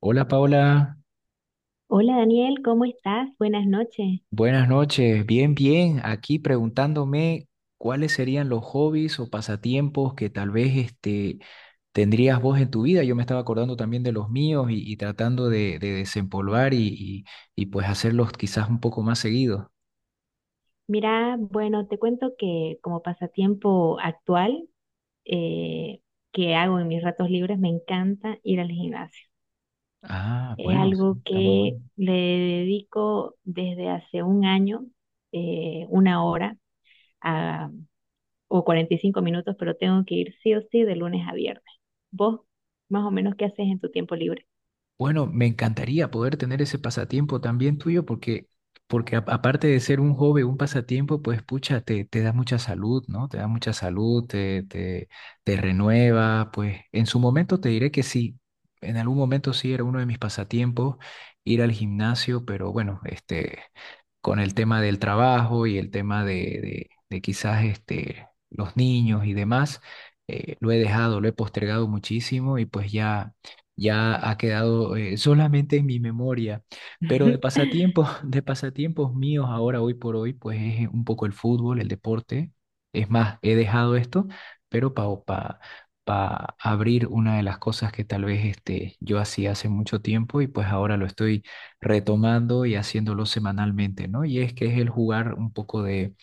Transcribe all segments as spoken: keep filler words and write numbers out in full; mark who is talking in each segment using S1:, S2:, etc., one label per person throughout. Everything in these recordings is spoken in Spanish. S1: Hola Paola,
S2: Hola Daniel, ¿cómo estás? Buenas noches.
S1: buenas noches. Bien, bien. Aquí preguntándome cuáles serían los hobbies o pasatiempos que tal vez este, tendrías vos en tu vida. Yo me estaba acordando también de los míos y, y tratando de, de desempolvar y, y- y, pues hacerlos quizás un poco más seguido.
S2: Mira, bueno, te cuento que como pasatiempo actual eh, que hago en mis ratos libres, me encanta ir al gimnasio.
S1: Ah,
S2: Es
S1: bueno, sí,
S2: algo
S1: está muy bueno.
S2: que le dedico desde hace un año, eh, una hora a- o cuarenta y cinco minutos, pero tengo que ir sí o sí de lunes a viernes. ¿Vos más o menos qué haces en tu tiempo libre?
S1: Bueno, me encantaría poder tener ese pasatiempo también tuyo porque, porque a- aparte de ser un hobby, un pasatiempo, pues pucha, te, te da mucha salud, ¿no? Te da mucha salud, te, te, te renueva, pues en su momento te diré que sí, en algún momento sí era uno de mis pasatiempos ir al gimnasio, pero bueno, este, con el tema del trabajo y el tema de, de, de quizás este, los niños y demás, eh, lo he dejado, lo he postergado muchísimo y pues ya ya ha quedado eh, solamente en mi memoria. Pero de pasatiempos, de pasatiempos míos ahora, hoy por hoy, pues es un poco el fútbol, el deporte. Es más, he dejado esto, pero para pa, pa abrir una de las cosas que tal vez este, yo hacía hace mucho tiempo y pues ahora lo estoy retomando y haciéndolo semanalmente, ¿no? Y es que es el jugar un poco de,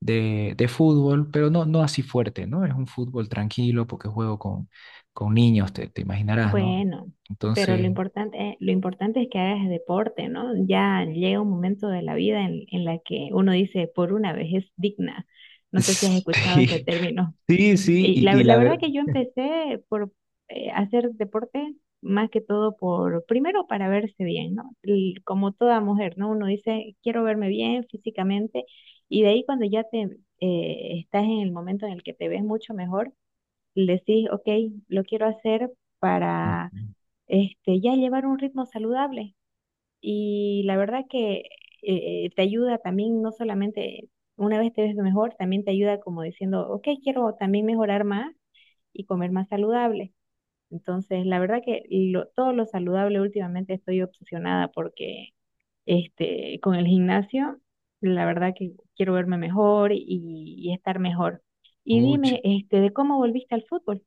S1: de, de fútbol, pero no, no así fuerte, ¿no? Es un fútbol tranquilo porque juego con, con niños, te, te imaginarás, ¿no?
S2: Bueno, pero lo
S1: Entonces,
S2: importante, lo importante es que hagas deporte, ¿no? Ya llega un momento de la vida en, en la que uno dice, por una vez es digna. No sé si has escuchado ese
S1: sí,
S2: término.
S1: sí, sí,
S2: Y la,
S1: y, y
S2: la
S1: la
S2: verdad
S1: verdad,
S2: que yo empecé por eh, hacer deporte más que todo por, primero para verse bien, ¿no? Y como toda mujer, ¿no? Uno dice, quiero verme bien físicamente y de ahí cuando ya te eh, estás en el momento en el que te ves mucho mejor, decís, ok, lo quiero hacer para este, ya llevar un ritmo saludable. Y la verdad que eh, eh, te ayuda también, no solamente una vez te ves mejor, también te ayuda como diciendo, ok, quiero también mejorar más y comer más saludable. Entonces, la verdad que lo- todo lo saludable últimamente estoy obsesionada porque este, con el gimnasio, la verdad que quiero verme mejor y, y estar mejor. Y dime, este, ¿de cómo volviste al fútbol?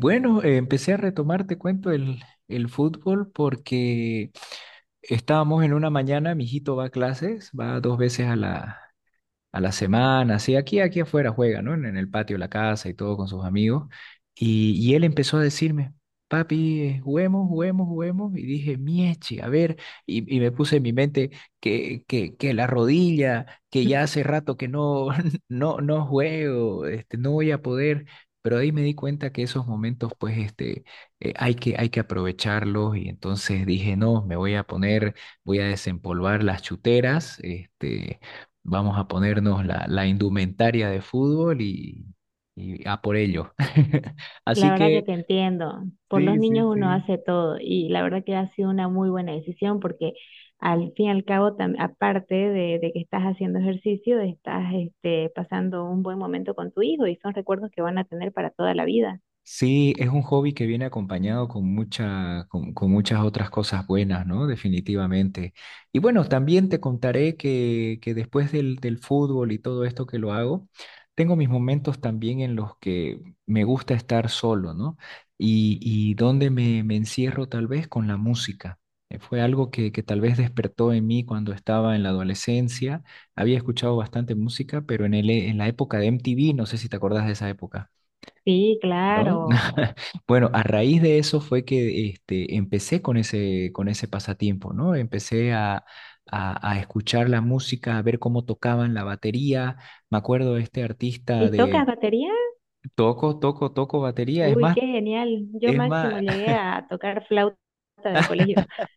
S1: bueno, eh, empecé a retomar, te cuento, el, el fútbol porque estábamos en una mañana, mi hijito va a clases, va dos veces a la, a la semana, así aquí, aquí afuera juega, ¿no? En, en el patio de la casa y todo con sus amigos. Y, y él empezó a decirme, papi, eh, juguemos, juguemos, juguemos. Y dije, mieche, a ver, y, y me puse en mi mente que, que, que la rodilla, que ya hace rato que no, no, no juego, este, no voy a poder. Pero ahí me di cuenta que esos momentos, pues, este, eh, hay que, hay que aprovecharlos y entonces dije, no, me voy a poner, voy a desempolvar las chuteras, este, vamos a ponernos la, la indumentaria de fútbol y, y a por ello.
S2: La
S1: Así
S2: verdad que
S1: que,
S2: te entiendo. Por
S1: sí,
S2: los
S1: sí,
S2: niños uno
S1: sí.
S2: hace todo y la verdad que ha sido una muy buena decisión porque al fin y al cabo, tam- aparte de, de que estás haciendo ejercicio, estás este, pasando un buen momento con tu hijo y son recuerdos que van a tener para toda la vida.
S1: Sí, es un hobby que viene acompañado con mucha, con, con muchas otras cosas buenas, ¿no? Definitivamente. Y bueno, también te contaré que, que después del, del fútbol y todo esto que lo hago, tengo mis momentos también en los que me gusta estar solo, ¿no? Y, y donde me, me encierro tal vez con la música. Eh, Fue algo que, que tal vez despertó en mí cuando estaba en la adolescencia. Había escuchado bastante música, pero en el, en la época de M T V, no sé si te acordás de esa época.
S2: Sí,
S1: ¿No?
S2: claro.
S1: Bueno, a raíz de eso fue que este, empecé con ese, con ese pasatiempo, ¿no? Empecé a, a- a escuchar la música, a ver cómo tocaban la batería. Me acuerdo de este artista
S2: ¿Y tocas
S1: de
S2: batería?
S1: toco, toco, toco batería. Es
S2: Uy,
S1: más,
S2: qué genial. Yo
S1: es más,
S2: máximo llegué a tocar flauta de colegio.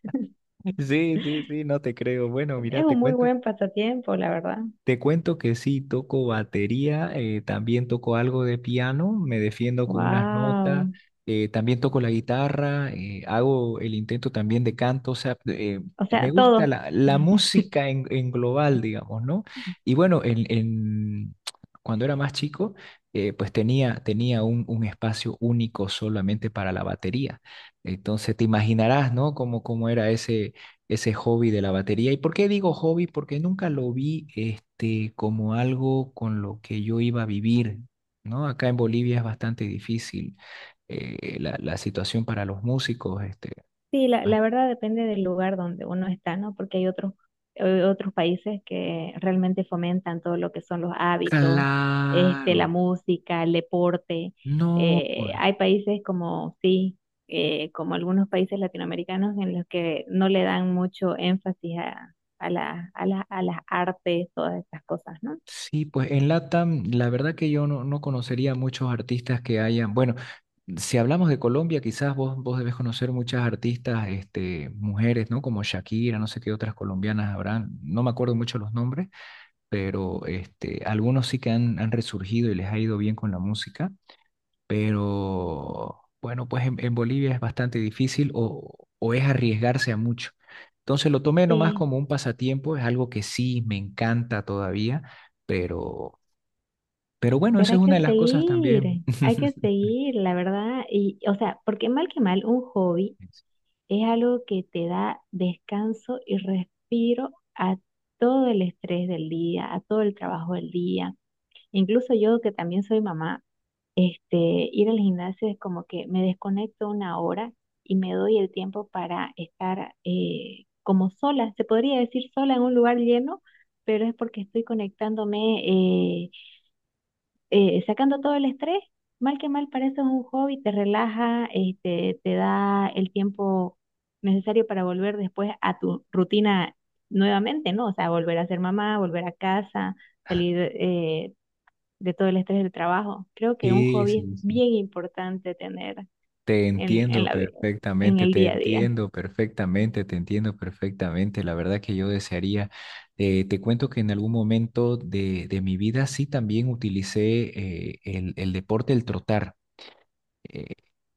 S1: sí, sí, sí, no te creo. Bueno, mira,
S2: Es
S1: te
S2: un muy
S1: cuento.
S2: buen pasatiempo, la verdad.
S1: Te cuento que sí, toco batería, eh, también toco algo de piano, me defiendo con unas notas,
S2: Wow.
S1: eh, también toco la guitarra, eh, hago el intento también de canto, o sea, eh,
S2: O sea,
S1: me gusta
S2: todo.
S1: la, la música en, en global, digamos, ¿no? Y bueno, en, en- cuando era más chico, eh, pues tenía, tenía un, un espacio único solamente para la batería. Entonces te imaginarás, ¿no? Cómo, cómo era ese ese hobby de la batería. ¿Y por qué digo hobby? Porque nunca lo vi este, como algo con lo que yo iba a vivir, ¿no? Acá en Bolivia es bastante difícil eh, la, la situación para los músicos. Este.
S2: Sí, la,
S1: Ah,
S2: la verdad depende del lugar donde uno está, ¿no? Porque hay otros, eh, otros países que realmente fomentan todo lo que son los hábitos, este,
S1: claro,
S2: la música, el deporte.
S1: no,
S2: Eh,
S1: pues.
S2: hay países como, sí, eh, como algunos países latinoamericanos en los que no le dan mucho énfasis a, a la- a la- a las artes, todas estas cosas, ¿no?
S1: Sí, pues en LATAM, la verdad que yo no, no conocería muchos artistas que hayan, bueno, si hablamos de Colombia, quizás vos, vos debes conocer muchas artistas, este, mujeres, ¿no? Como Shakira, no sé qué otras colombianas habrán, no me acuerdo mucho los nombres, pero este, algunos sí que han, han resurgido y les ha ido bien con la música, pero bueno, pues en, en Bolivia es bastante difícil o, o es arriesgarse a mucho. Entonces lo tomé nomás
S2: Sí,
S1: como un pasatiempo, es algo que sí me encanta todavía pero pero bueno,
S2: pero
S1: esa es
S2: hay que
S1: una de las cosas
S2: seguir,
S1: también.
S2: hay que seguir, la verdad, y, o sea, porque mal que mal, un hobby es algo que te da descanso y respiro a todo el estrés del día, a todo el trabajo del día. Incluso yo que también soy mamá, este, ir al gimnasio es como que me desconecto una hora y me doy el tiempo para estar eh, como sola, se podría decir sola en un lugar lleno, pero es porque estoy conectándome eh, eh, sacando todo el estrés, mal que mal parece un hobby, te relaja, este, te da el tiempo necesario para volver después a tu rutina nuevamente, ¿no? O sea, volver a ser mamá, volver a casa, salir eh, de todo el estrés del trabajo. Creo que un
S1: Sí,
S2: hobby es
S1: sí, sí.
S2: bien importante tener
S1: Te
S2: en, en
S1: entiendo
S2: la vida, en
S1: perfectamente,
S2: el
S1: te
S2: día a día.
S1: entiendo perfectamente, te entiendo perfectamente. La verdad que yo desearía, eh, te cuento que en algún momento de, de mi vida sí también utilicé eh, el, el deporte, el trotar. Eh,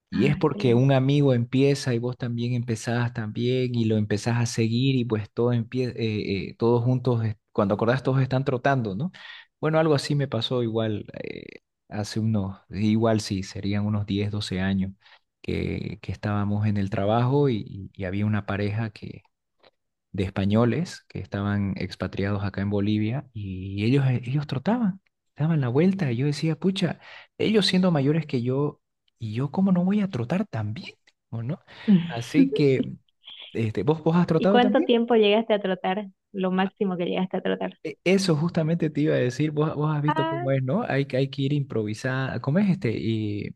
S1: y es
S2: Ay, qué
S1: porque
S2: lindo.
S1: un amigo empieza y vos también empezás también y lo empezás a seguir y pues todo empieza, todos juntos, eh, cuando acordás todos están trotando, ¿no? Bueno, algo así me pasó igual eh, hace unos, igual sí, serían unos diez doce años que, que estábamos en el trabajo y, y- y había una pareja que de españoles que estaban expatriados acá en Bolivia y ellos, eh, ellos trotaban, daban la vuelta. Y yo decía, pucha, ellos siendo mayores que yo, ¿y yo cómo no voy a trotar también? ¿O no? Así que, este, ¿vos, vos has
S2: ¿Y
S1: trotado
S2: cuánto
S1: también?
S2: tiempo llegaste a trotar? Lo máximo que llegaste a trotar.
S1: E- Eso justamente te iba a decir, vos, vos has visto cómo
S2: Ay,
S1: es, ¿no? Hay, que- hay que ir improvisando, ¿cómo es este? Y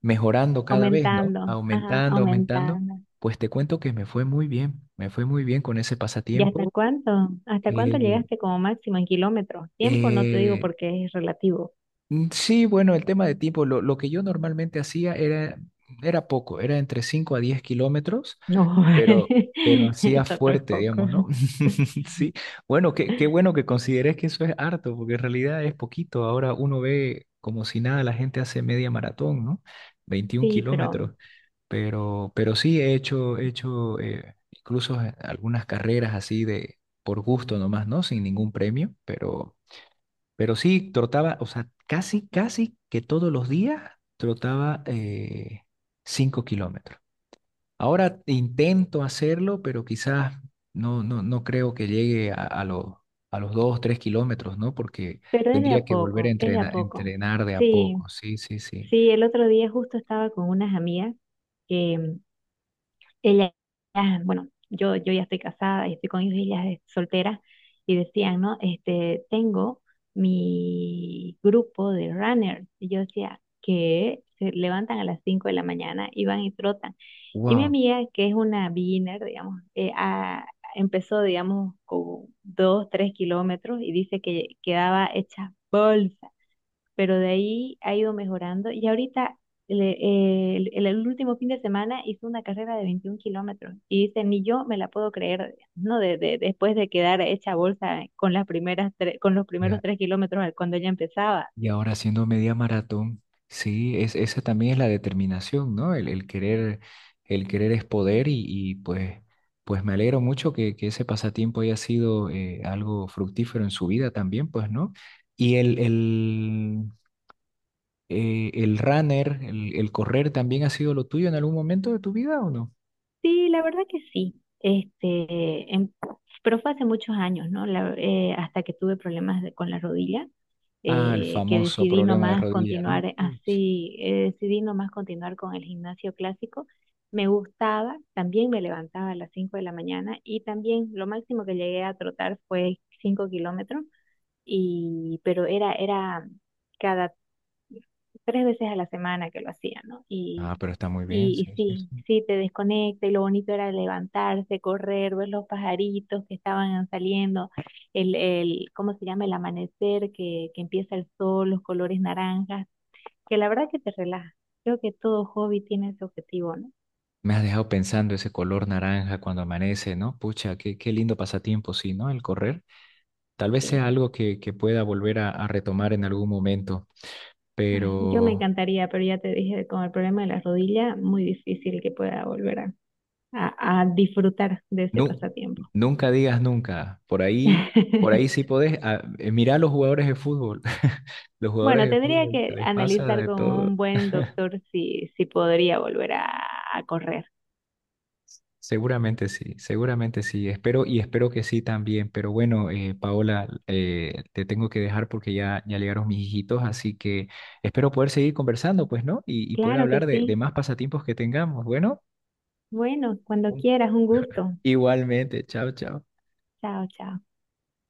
S1: mejorando cada vez, ¿no?
S2: aumentando, ajá,
S1: Aumentando, aumentando.
S2: aumentando.
S1: Pues te cuento que me fue muy bien, me fue muy bien con ese
S2: ¿Y hasta
S1: pasatiempo.
S2: cuánto? ¿Hasta cuánto
S1: Eh,
S2: llegaste como máximo en kilómetros? Tiempo no te digo
S1: eh,
S2: porque es relativo.
S1: Mm, Sí, bueno, el tema de tiempo, lo, lo que yo normalmente hacía era, era poco, era entre cinco a diez kilómetros,
S2: No,
S1: pero, pero hacía
S2: eso no es
S1: fuerte,
S2: poco.
S1: digamos, ¿no? Sí, bueno, qué, qué bueno que consideres que eso es harto, porque en realidad es poquito. Ahora uno ve como si nada, la gente hace media maratón, ¿no? Veintiún
S2: Sí, pero,
S1: kilómetros, pero, pero sí he hecho, he hecho eh, incluso eh, algunas carreras así de por gusto nomás, ¿no? Sin ningún premio, pero pero sí, trotaba, o sea, casi, casi que todos los días trotaba eh, cinco kilómetros. Ahora intento hacerlo, pero quizás no, no, no creo que llegue a, a, los- a los dos, tres kilómetros, ¿no? Porque
S2: pero es de a
S1: tendría que volver a
S2: poco, es de a
S1: entrenar,
S2: poco.
S1: entrenar de a
S2: Sí,
S1: poco. Sí, sí, sí.
S2: sí, el otro día justo estaba con unas amigas que ella, ah, bueno, yo, yo ya estoy casada y estoy con ellos, ella es soltera, y decían, ¿no? Este, tengo mi grupo de runners. Y yo decía, que se levantan a las cinco de la mañana y van y trotan. Y mi
S1: Wow.
S2: amiga, que es una beginner, digamos, eh, ah, empezó, digamos, con dos, tres kilómetros y dice que quedaba hecha bolsa pero de ahí ha ido mejorando y ahorita le- eh, el, el último fin de semana hizo una carrera de veintiún kilómetros y dice, ni yo me la puedo creer, ¿no? De, de- después de quedar hecha bolsa con las primeras tre- con los primeros tres kilómetros cuando ella empezaba.
S1: Y ahora haciendo media maratón, sí, es, esa también es la determinación, ¿no? El, el querer, el querer es poder y, y pues, pues me alegro mucho que, que ese pasatiempo haya sido eh, algo fructífero en su vida también, pues, ¿no? Y el, el, eh, el runner, el, el correr también ha sido lo tuyo en algún momento de tu vida ¿o no?
S2: Sí, la verdad que sí. Este, en- pero fue hace muchos años, ¿no? La- eh, hasta que tuve problemas de- con la rodilla,
S1: Ah, el
S2: eh, que
S1: famoso
S2: decidí
S1: problema de
S2: nomás
S1: rodilla, ¿no?
S2: continuar eh,
S1: Mm.
S2: así, eh, decidí nomás continuar con el gimnasio clásico. Me gustaba, también me levantaba a las cinco de la mañana y también lo máximo que llegué a trotar fue cinco kilómetros, y, pero era, era tres veces a la semana que lo hacía, ¿no?
S1: Ah,
S2: Y,
S1: pero está muy bien,
S2: y, y
S1: sí, sí,
S2: sí,
S1: sí.
S2: sí, te desconecta y lo bonito era levantarse, correr, ver los pajaritos que estaban saliendo, el, el, ¿cómo se llama? El amanecer, que, que empieza el sol, los colores naranjas, que la verdad que te relaja. Creo que todo hobby tiene ese objetivo, ¿no?
S1: Me has dejado pensando ese color naranja cuando amanece, ¿no? Pucha, qué, qué lindo pasatiempo, sí, ¿no? El correr. Tal vez sea
S2: Sí.
S1: algo que, que pueda volver a, a retomar en algún momento,
S2: Ay, yo me
S1: pero
S2: encantaría, pero ya te dije, con el problema de la rodilla, muy difícil que pueda volver a, a a disfrutar de ese
S1: nu-
S2: pasatiempo.
S1: nunca digas nunca. Por ahí, por ahí sí podés. Ah, eh, mirá a los jugadores de fútbol. Los jugadores
S2: Bueno,
S1: de
S2: tendría
S1: fútbol
S2: que
S1: les pasa
S2: analizar
S1: de
S2: con
S1: todo.
S2: un buen doctor si, si podría volver a, a correr.
S1: Seguramente sí, seguramente sí. Espero y espero que sí también. Pero bueno, eh, Paola, eh, te tengo que dejar porque ya, ya llegaron mis hijitos, así que espero poder seguir conversando, pues, ¿no? Y, y poder
S2: Claro que
S1: hablar de, de
S2: sí.
S1: más pasatiempos que tengamos. Bueno,
S2: Bueno, cuando
S1: un-
S2: quieras, un gusto.
S1: igualmente. Chao, chao.
S2: Chao, chao.